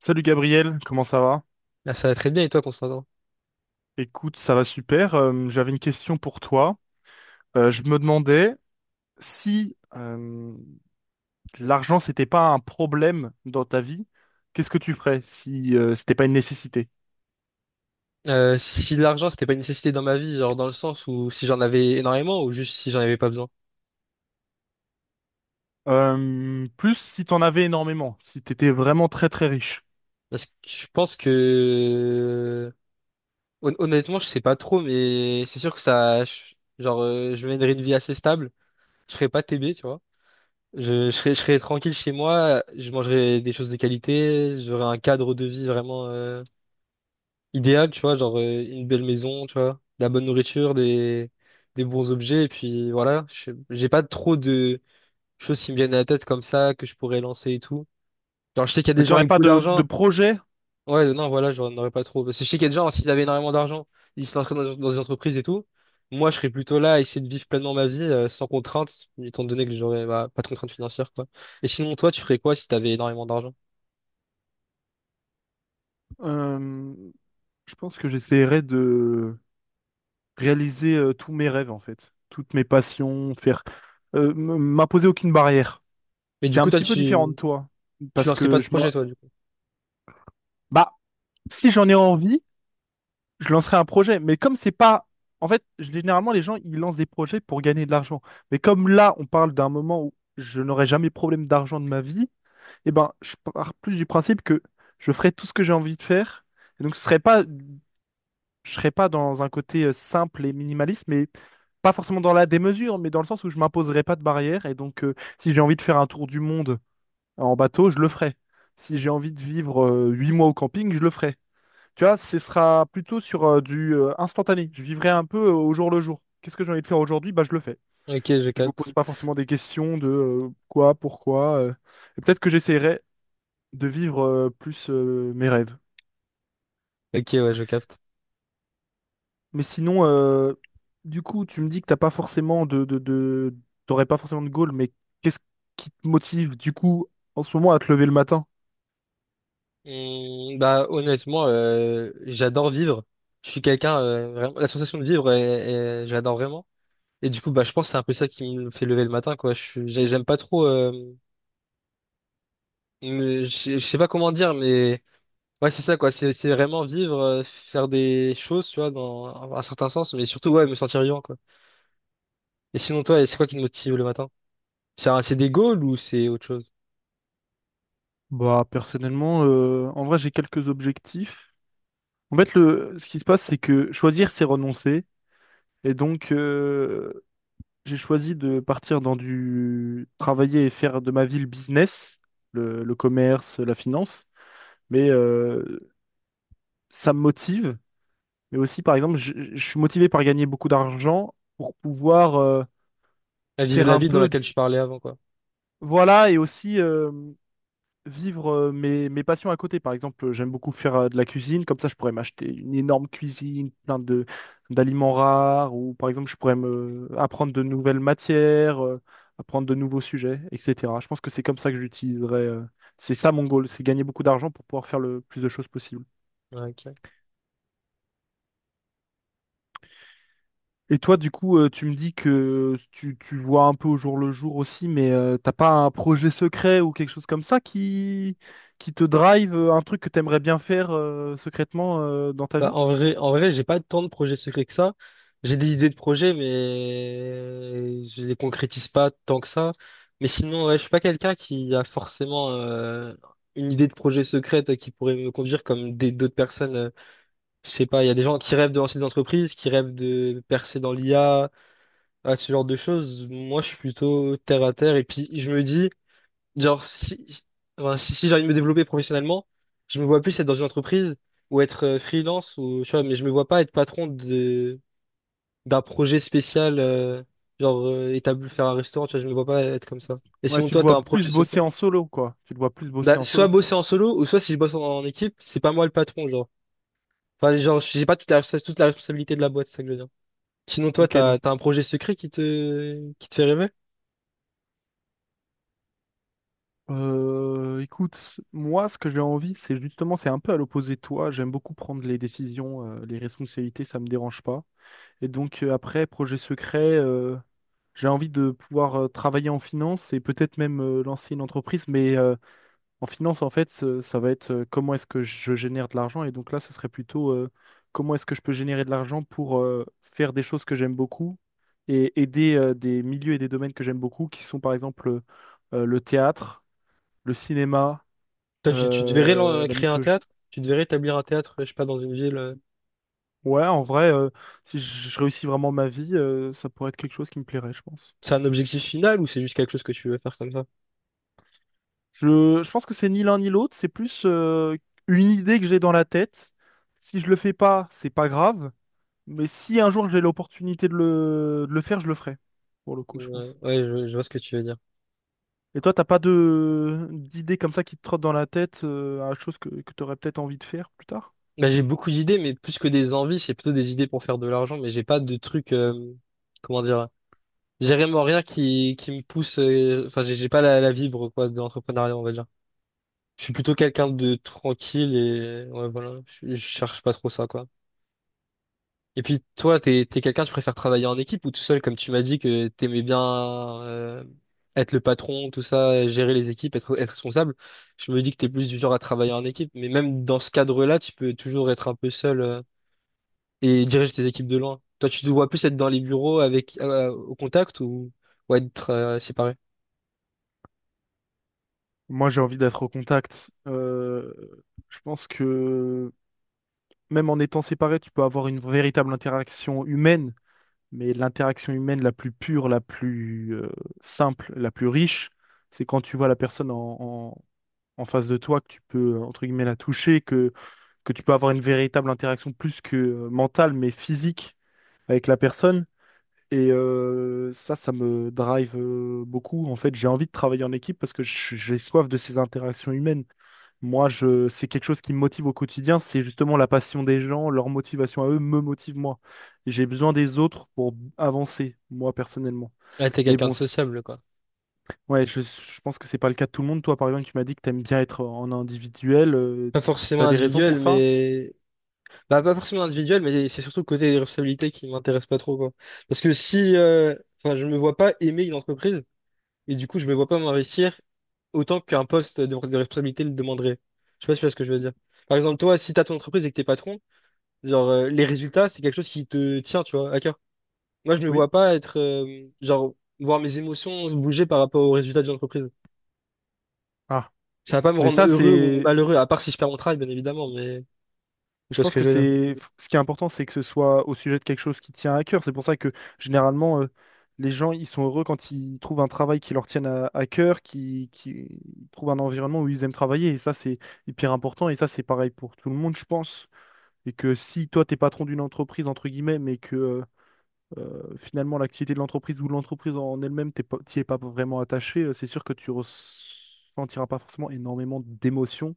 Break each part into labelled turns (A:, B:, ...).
A: Salut Gabriel, comment ça va?
B: Ah, ça va très bien et toi, Constantin?
A: Écoute, ça va super. J'avais une question pour toi. Je me demandais si l'argent, c'était pas un problème dans ta vie, qu'est-ce que tu ferais si c'était pas une nécessité?
B: Si l'argent, c'était pas une nécessité dans ma vie, genre dans le sens où si j'en avais énormément ou juste si j'en avais pas besoin.
A: Plus si t'en avais énormément, si t'étais vraiment très très riche.
B: Parce que je pense que honnêtement, je sais pas trop, mais c'est sûr que ça, genre, je mènerais une vie assez stable. Je ferais pas TB, tu vois. Je serais tranquille chez moi. Je mangerais des choses de qualité. J'aurais un cadre de vie vraiment idéal, tu vois, une belle maison, tu vois, de la bonne nourriture, des bons objets. Et puis voilà, j'ai pas trop de choses qui me viennent à la tête comme ça, que je pourrais lancer et tout. Genre, je sais qu'il y a des
A: Mais
B: gens
A: t'aurais
B: avec
A: pas
B: beaucoup
A: de
B: d'argent.
A: projet?
B: Ouais, non, voilà, j'en aurais pas trop. Parce que je sais qu'il y a des gens, s'ils avaient énormément d'argent, ils se lanceraient dans des entreprises et tout. Moi, je serais plutôt là à essayer de vivre pleinement ma vie, sans contrainte, étant donné que j'aurais bah, pas de contraintes financières, quoi. Et sinon, toi, tu ferais quoi si t'avais énormément d'argent?
A: Euh, je pense que j'essaierais de réaliser tous mes rêves en fait, toutes mes passions, faire m'imposer aucune barrière.
B: Mais
A: C'est
B: du
A: un
B: coup,
A: petit peu différent de toi.
B: tu
A: Parce
B: lancerais pas
A: que
B: de
A: je me...
B: projet, toi, du coup.
A: Bah, si j'en ai envie, je lancerai un projet. Mais comme c'est pas... En fait, généralement, les gens, ils lancent des projets pour gagner de l'argent. Mais comme là, on parle d'un moment où je n'aurai jamais problème d'argent de ma vie, eh ben, je pars plus du principe que je ferai tout ce que j'ai envie de faire. Et donc, ce serait pas... je serais pas dans un côté simple et minimaliste, mais pas forcément dans la démesure, mais dans le sens où je m'imposerai pas de barrière. Et donc, si j'ai envie de faire un tour du monde en bateau, je le ferai. Si j'ai envie de vivre 8 mois au camping, je le ferai. Tu vois, ce sera plutôt sur du instantané. Je vivrai un peu au jour le jour. Qu'est-ce que j'ai envie de faire aujourd'hui? Bah, je le fais.
B: Ok, je
A: Je me
B: capte.
A: pose pas forcément des questions de quoi, pourquoi. Et peut-être que j'essaierai de vivre plus mes rêves.
B: Ok, ouais, je capte.
A: Mais sinon, du coup, tu me dis que t'as pas forcément t'aurais pas forcément de goal, mais qu'est-ce qui te motive du coup en ce moment à te lever le matin?
B: Bah, honnêtement, j'adore vivre. Je suis quelqu'un, vraiment, la sensation de vivre, j'adore vraiment. Et du coup, bah, je pense que c'est un peu ça qui me fait lever le matin, quoi. J'aime pas trop. Je sais pas comment dire, mais ouais, c'est ça, quoi. C'est vraiment vivre, faire des choses, tu vois, dans un certain sens, mais surtout, ouais, me sentir vivant, quoi. Et sinon, toi, c'est quoi qui te motive le matin? C'est des goals ou c'est autre chose?
A: Bah personnellement, en vrai, j'ai quelques objectifs. En fait, ce qui se passe, c'est que choisir, c'est renoncer. Et donc, j'ai choisi de partir dans du travailler et faire de ma vie le business, le commerce, la finance. Mais ça me motive. Mais aussi, par exemple, je suis motivé par gagner beaucoup d'argent pour pouvoir
B: À vivre
A: faire
B: la
A: un
B: vie dans
A: peu,
B: laquelle je parlais avant, quoi.
A: voilà, et aussi vivre mes passions à côté. Par exemple, j'aime beaucoup faire de la cuisine, comme ça je pourrais m'acheter une énorme cuisine, plein de d'aliments rares, ou par exemple je pourrais me apprendre de nouvelles matières, apprendre de nouveaux sujets, etc. Je pense que c'est comme ça que j'utiliserais. C'est ça mon goal, c'est gagner beaucoup d'argent pour pouvoir faire le plus de choses possible.
B: Ouais, ok.
A: Et toi, du coup, tu me dis que tu vois un peu au jour le jour aussi, mais t'as pas un projet secret ou quelque chose comme ça qui te drive, un truc que t'aimerais bien faire secrètement dans ta
B: Bah,
A: vie?
B: en vrai, j'ai pas tant de projets secrets que ça. J'ai des idées de projets, mais je les concrétise pas tant que ça. Mais sinon, ouais, je suis pas quelqu'un qui a forcément une idée de projet secrète qui pourrait me conduire comme des d'autres personnes. Je sais pas, il y a des gens qui rêvent de lancer des entreprises, qui rêvent de percer dans l'IA, à ce genre de choses. Moi, je suis plutôt terre à terre. Et puis, je me dis. Genre, si, enfin, si j'ai envie de me développer professionnellement, je me vois plus être dans une entreprise ou être freelance ou, tu vois, mais je me vois pas être patron d'un projet spécial, faire un restaurant, tu vois, je me vois pas être comme ça. Et
A: Ouais,
B: sinon,
A: tu te
B: toi, t'as
A: vois
B: un projet
A: plus
B: secret?
A: bosser en solo, quoi. Tu te vois plus
B: Bah,
A: bosser en
B: soit
A: solo.
B: bosser en solo ou soit si je bosse en équipe, c'est pas moi le patron, genre. Enfin, genre, j'ai pas toute la responsabilité de la boîte, c'est ça que je veux dire. Sinon,
A: Ok, donc,
B: t'as un projet secret qui te fait rêver?
A: écoute, moi, ce que j'ai envie, c'est justement, c'est un peu à l'opposé de toi. J'aime beaucoup prendre les décisions, les responsabilités, ça me dérange pas. Et donc, après, projet secret. J'ai envie de pouvoir travailler en finance et peut-être même lancer une entreprise, mais en finance, en fait, ça va être comment est-ce que je génère de l'argent. Et donc là, ce serait plutôt comment est-ce que je peux générer de l'argent pour faire des choses que j'aime beaucoup et aider des milieux et des domaines que j'aime beaucoup, qui sont par exemple le théâtre, le cinéma,
B: Toi, tu te verrais lan-
A: la
B: créer un
A: mythologie.
B: théâtre? Tu devrais établir un théâtre, je sais pas, dans une ville.
A: Ouais, en vrai, si je réussis vraiment ma vie, ça pourrait être quelque chose qui me plairait, je pense.
B: C'est un objectif final ou c'est juste quelque chose que tu veux faire comme ça?
A: Je pense que c'est ni l'un ni l'autre, c'est plus une idée que j'ai dans la tête. Si je le fais pas, c'est pas grave, mais si un jour j'ai l'opportunité de le faire, je le ferai, pour le coup, je
B: Ouais,
A: pense.
B: ouais, je vois ce que tu veux dire.
A: Et toi, t'as pas de d'idées comme ça qui te trottent dans la tête à chose que t'aurais peut-être envie de faire plus tard?
B: Bah, j'ai beaucoup d'idées, mais plus que des envies, c'est plutôt des idées pour faire de l'argent, mais j'ai pas de truc, comment dire, j'ai vraiment rien qui me pousse, enfin, j'ai pas la vibre, quoi, de l'entrepreneuriat, on va dire. Je suis plutôt quelqu'un de tranquille et, ouais, voilà, je cherche pas trop ça, quoi. Et puis toi, t'es quelqu'un, tu préfères travailler en équipe ou tout seul, comme tu m'as dit que t'aimais bien euh, être le patron, tout ça, gérer les équipes, être responsable. Je me dis que t'es plus du genre à travailler
A: Mhm.
B: en équipe, mais même dans ce cadre-là, tu peux toujours être un peu seul et diriger tes équipes de loin. Toi, tu te vois plus être dans les bureaux avec au contact ou être séparé.
A: Moi, j'ai envie d'être au contact. Je pense que même en étant séparé, tu peux avoir une véritable interaction humaine, mais l'interaction humaine la plus pure, la plus simple, la plus riche, c'est quand tu vois la personne en- en face de toi, que tu peux, entre guillemets, la toucher, que tu peux avoir une véritable interaction plus que mentale, mais physique avec la personne. Et ça me drive beaucoup. En fait, j'ai envie de travailler en équipe parce que j'ai soif de ces interactions humaines. Moi, c'est quelque chose qui me motive au quotidien, c'est justement la passion des gens, leur motivation à eux me motive moi. J'ai besoin des autres pour avancer, moi personnellement.
B: Ouais, t'es
A: Mais
B: quelqu'un de
A: bon,
B: sociable, quoi.
A: ouais, je pense que c'est pas le cas de tout le monde. Toi, par exemple, tu m'as dit que t'aimes bien être en individuel. euh,
B: Pas forcément
A: t'as des raisons pour
B: individuel,
A: ça?
B: mais bah, pas forcément individuel, mais c'est surtout le côté des responsabilités qui m'intéresse pas trop, quoi. Parce que si, enfin, je me vois pas aimer une entreprise, et du coup, je me vois pas m'investir autant qu'un poste de responsabilité le demanderait. Je sais pas si tu vois ce que je veux dire. Par exemple, toi, si t'as ton entreprise et que t'es patron, genre, les résultats, c'est quelque chose qui te tient, tu vois, à cœur. Moi, je me
A: Oui.
B: vois pas être, voir mes émotions bouger par rapport aux résultats d'une entreprise.
A: Ah.
B: Ça va pas me
A: Mais
B: rendre
A: ça,
B: heureux ou
A: c'est
B: malheureux, à part si je perds mon travail, bien évidemment, mais tu
A: Je
B: vois ce
A: pense
B: que
A: que
B: je veux dire.
A: c'est ce qui est important, c'est que ce soit au sujet de quelque chose qui tient à cœur. C'est pour ça que généralement, les gens, ils sont heureux quand ils trouvent un travail qui leur tienne à cœur, qui trouvent un environnement où ils aiment travailler. Et ça, c'est hyper important. Et ça, c'est pareil pour tout le monde, je pense. Et que si toi, t'es patron d'une entreprise, entre guillemets, mais que finalement, l'activité de l'entreprise ou de l'entreprise en elle-même, t'y es pas vraiment attaché, c'est sûr que tu ressentiras pas forcément énormément d'émotions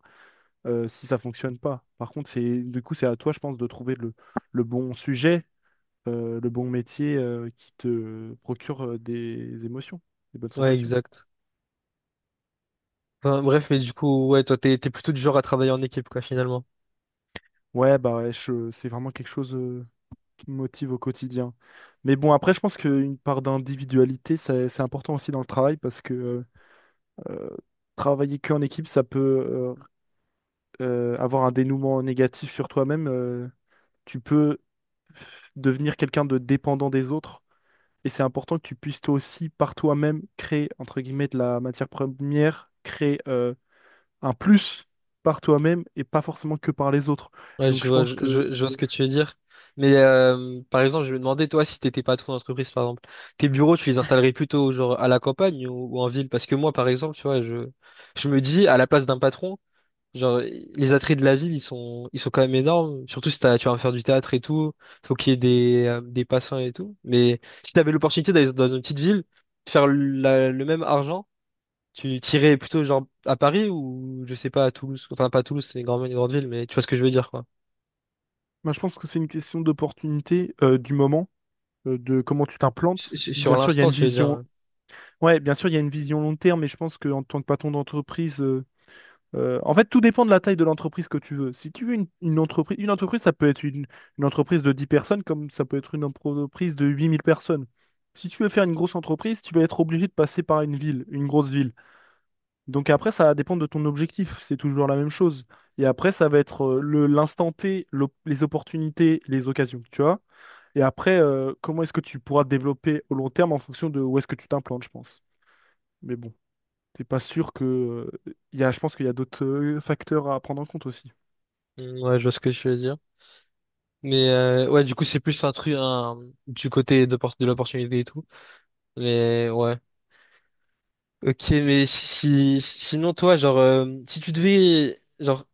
A: si ça fonctionne pas. Par contre, c'est du coup, c'est à toi, je pense, de trouver le bon sujet, le bon métier qui te procure des émotions, des bonnes
B: Ouais,
A: sensations.
B: exact. Enfin, bref, mais du coup, ouais, toi, t'es plutôt du genre à travailler en équipe, quoi, finalement.
A: Ouais, bah ouais, c'est vraiment quelque chose qui me motive au quotidien. Mais bon, après, je pense qu'une part d'individualité, c'est important aussi dans le travail parce que euh, travailler qu'en équipe, ça peut avoir un dénouement négatif sur toi-même. Tu peux devenir quelqu'un de dépendant des autres. Et c'est important que tu puisses toi aussi, par toi-même, créer, entre guillemets, de la matière première, créer un plus par toi-même et pas forcément que par les autres.
B: Ouais,
A: Donc
B: je
A: je
B: vois,
A: pense que,
B: je vois ce que tu veux dire. Mais par exemple, je me demandais, toi, si t'étais patron d'entreprise, par exemple, tes bureaux, tu les installerais plutôt genre à la campagne ou en ville? Parce que moi, par exemple, tu vois, je me dis, à la place d'un patron, genre, les attraits de la ville, ils sont quand même énormes. Surtout si t'as, tu vas faire du théâtre et tout, faut qu'il y ait des passants et tout. Mais si t'avais l'opportunité d'aller dans une petite ville, faire le même argent, tu tirais plutôt genre à Paris ou je sais pas à Toulouse. Enfin pas à Toulouse, c'est une grande ville, mais tu vois ce que je veux dire quoi.
A: moi, je pense que c'est une question d'opportunité du moment, de comment tu t'implantes. Si,
B: Sur
A: bien sûr, il y a
B: l'instant,
A: une
B: tu veux dire.
A: vision,
B: Ouais,
A: ouais, bien sûr, il y a une vision long terme, mais je pense qu'en tant que patron d'entreprise, en fait, tout dépend de la taille de l'entreprise que tu veux. Si tu veux une entreprise, une entreprise, ça peut être une entreprise de 10 personnes comme ça peut être une entreprise de 8 000 personnes. Si tu veux faire une grosse entreprise, tu vas être obligé de passer par une ville, une grosse ville. Donc après, ça va dépendre de ton objectif. C'est toujours la même chose. Et après, ça va être l'instant T, les opportunités, les occasions, tu vois. Et après, comment est-ce que tu pourras te développer au long terme en fonction de où est-ce que tu t'implantes, je pense. Mais bon t'es pas sûr que. Je pense qu'il y a d'autres facteurs à prendre en compte aussi.
B: mm, ouais, je vois ce que je veux dire. Mais ouais, du coup, c'est plus un truc, du côté de l'opportunité et tout. Mais ouais. Ok, mais sinon toi, si tu devais genre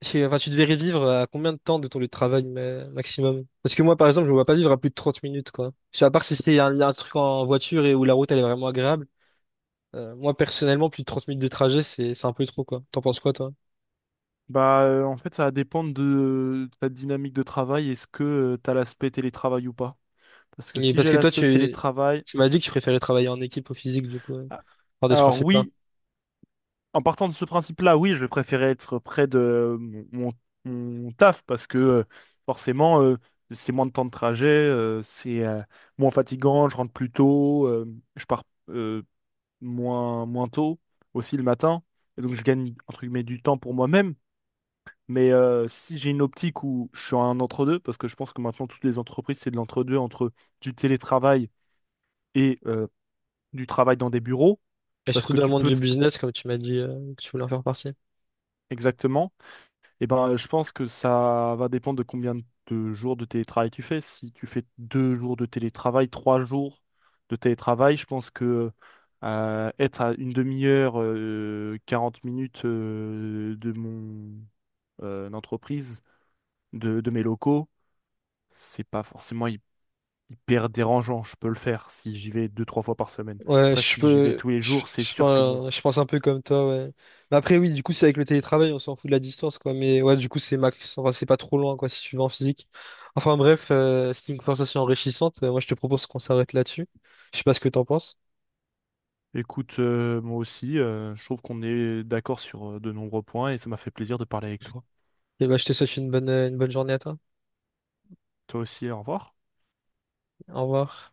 B: enfin tu devais revivre à combien de temps de ton lieu de travail maximum? Parce que moi par exemple, je ne vois pas vivre à plus de 30 minutes quoi. Je sais, à part si c'est un truc en voiture et où la route elle est vraiment agréable. Moi, personnellement, plus de 30 minutes de trajet, c'est un peu trop, quoi. T'en penses quoi, toi?
A: Bah, en fait, ça va dépendre de ta dynamique de travail. Est-ce que tu as l'aspect télétravail ou pas? Parce que
B: Et
A: si
B: parce
A: j'ai
B: que toi,
A: l'aspect télétravail.
B: tu m'as dit que tu préférais travailler en équipe au physique, du coup,
A: Ah,
B: par des
A: alors,
B: principes là.
A: oui, en partant de ce principe-là, oui, je vais préférer être près de mon taf parce que forcément, c'est moins de temps de trajet, c'est moins fatigant, je rentre plus tôt, je pars. euh, moins, moins tôt, aussi le matin. Et donc, je gagne, entre guillemets, du temps pour moi-même. Mais si j'ai une optique où je suis un entre-deux, parce que je pense que maintenant, toutes les entreprises, c'est de l'entre-deux entre du télétravail et du travail dans des bureaux,
B: Et
A: parce
B: surtout
A: que
B: dans le
A: tu
B: monde
A: peux
B: du
A: t-
B: business, comme tu m'as dit, que tu voulais en faire partie.
A: exactement. Eh ben, je pense que ça va dépendre de combien de jours de télétravail tu fais. Si tu fais 2 jours de télétravail, 3 jours de télétravail, je pense que être à une demi-heure, 40 minutes de mon entreprise, de mes locaux, c'est pas forcément hyper dérangeant. Je peux le faire si j'y vais deux, trois fois par semaine.
B: Ouais,
A: Après,
B: je
A: si j'y vais
B: peux,
A: tous les jours, c'est sûr que bon.
B: je pense un peu comme toi, ouais. Mais après, oui, du coup, c'est avec le télétravail, on s'en fout de la distance, quoi. Mais ouais, du coup, c'est max, enfin, c'est pas trop loin, quoi, si tu vas en physique. Enfin, bref, c'était une conversation enrichissante. Moi, je te propose qu'on s'arrête là-dessus. Je sais pas ce que t'en penses.
A: Écoute, moi aussi, je trouve qu'on est d'accord sur de nombreux points et ça m'a fait plaisir de parler avec toi.
B: Et bah, je te souhaite une bonne journée à toi.
A: Toi aussi, au revoir.
B: Au revoir.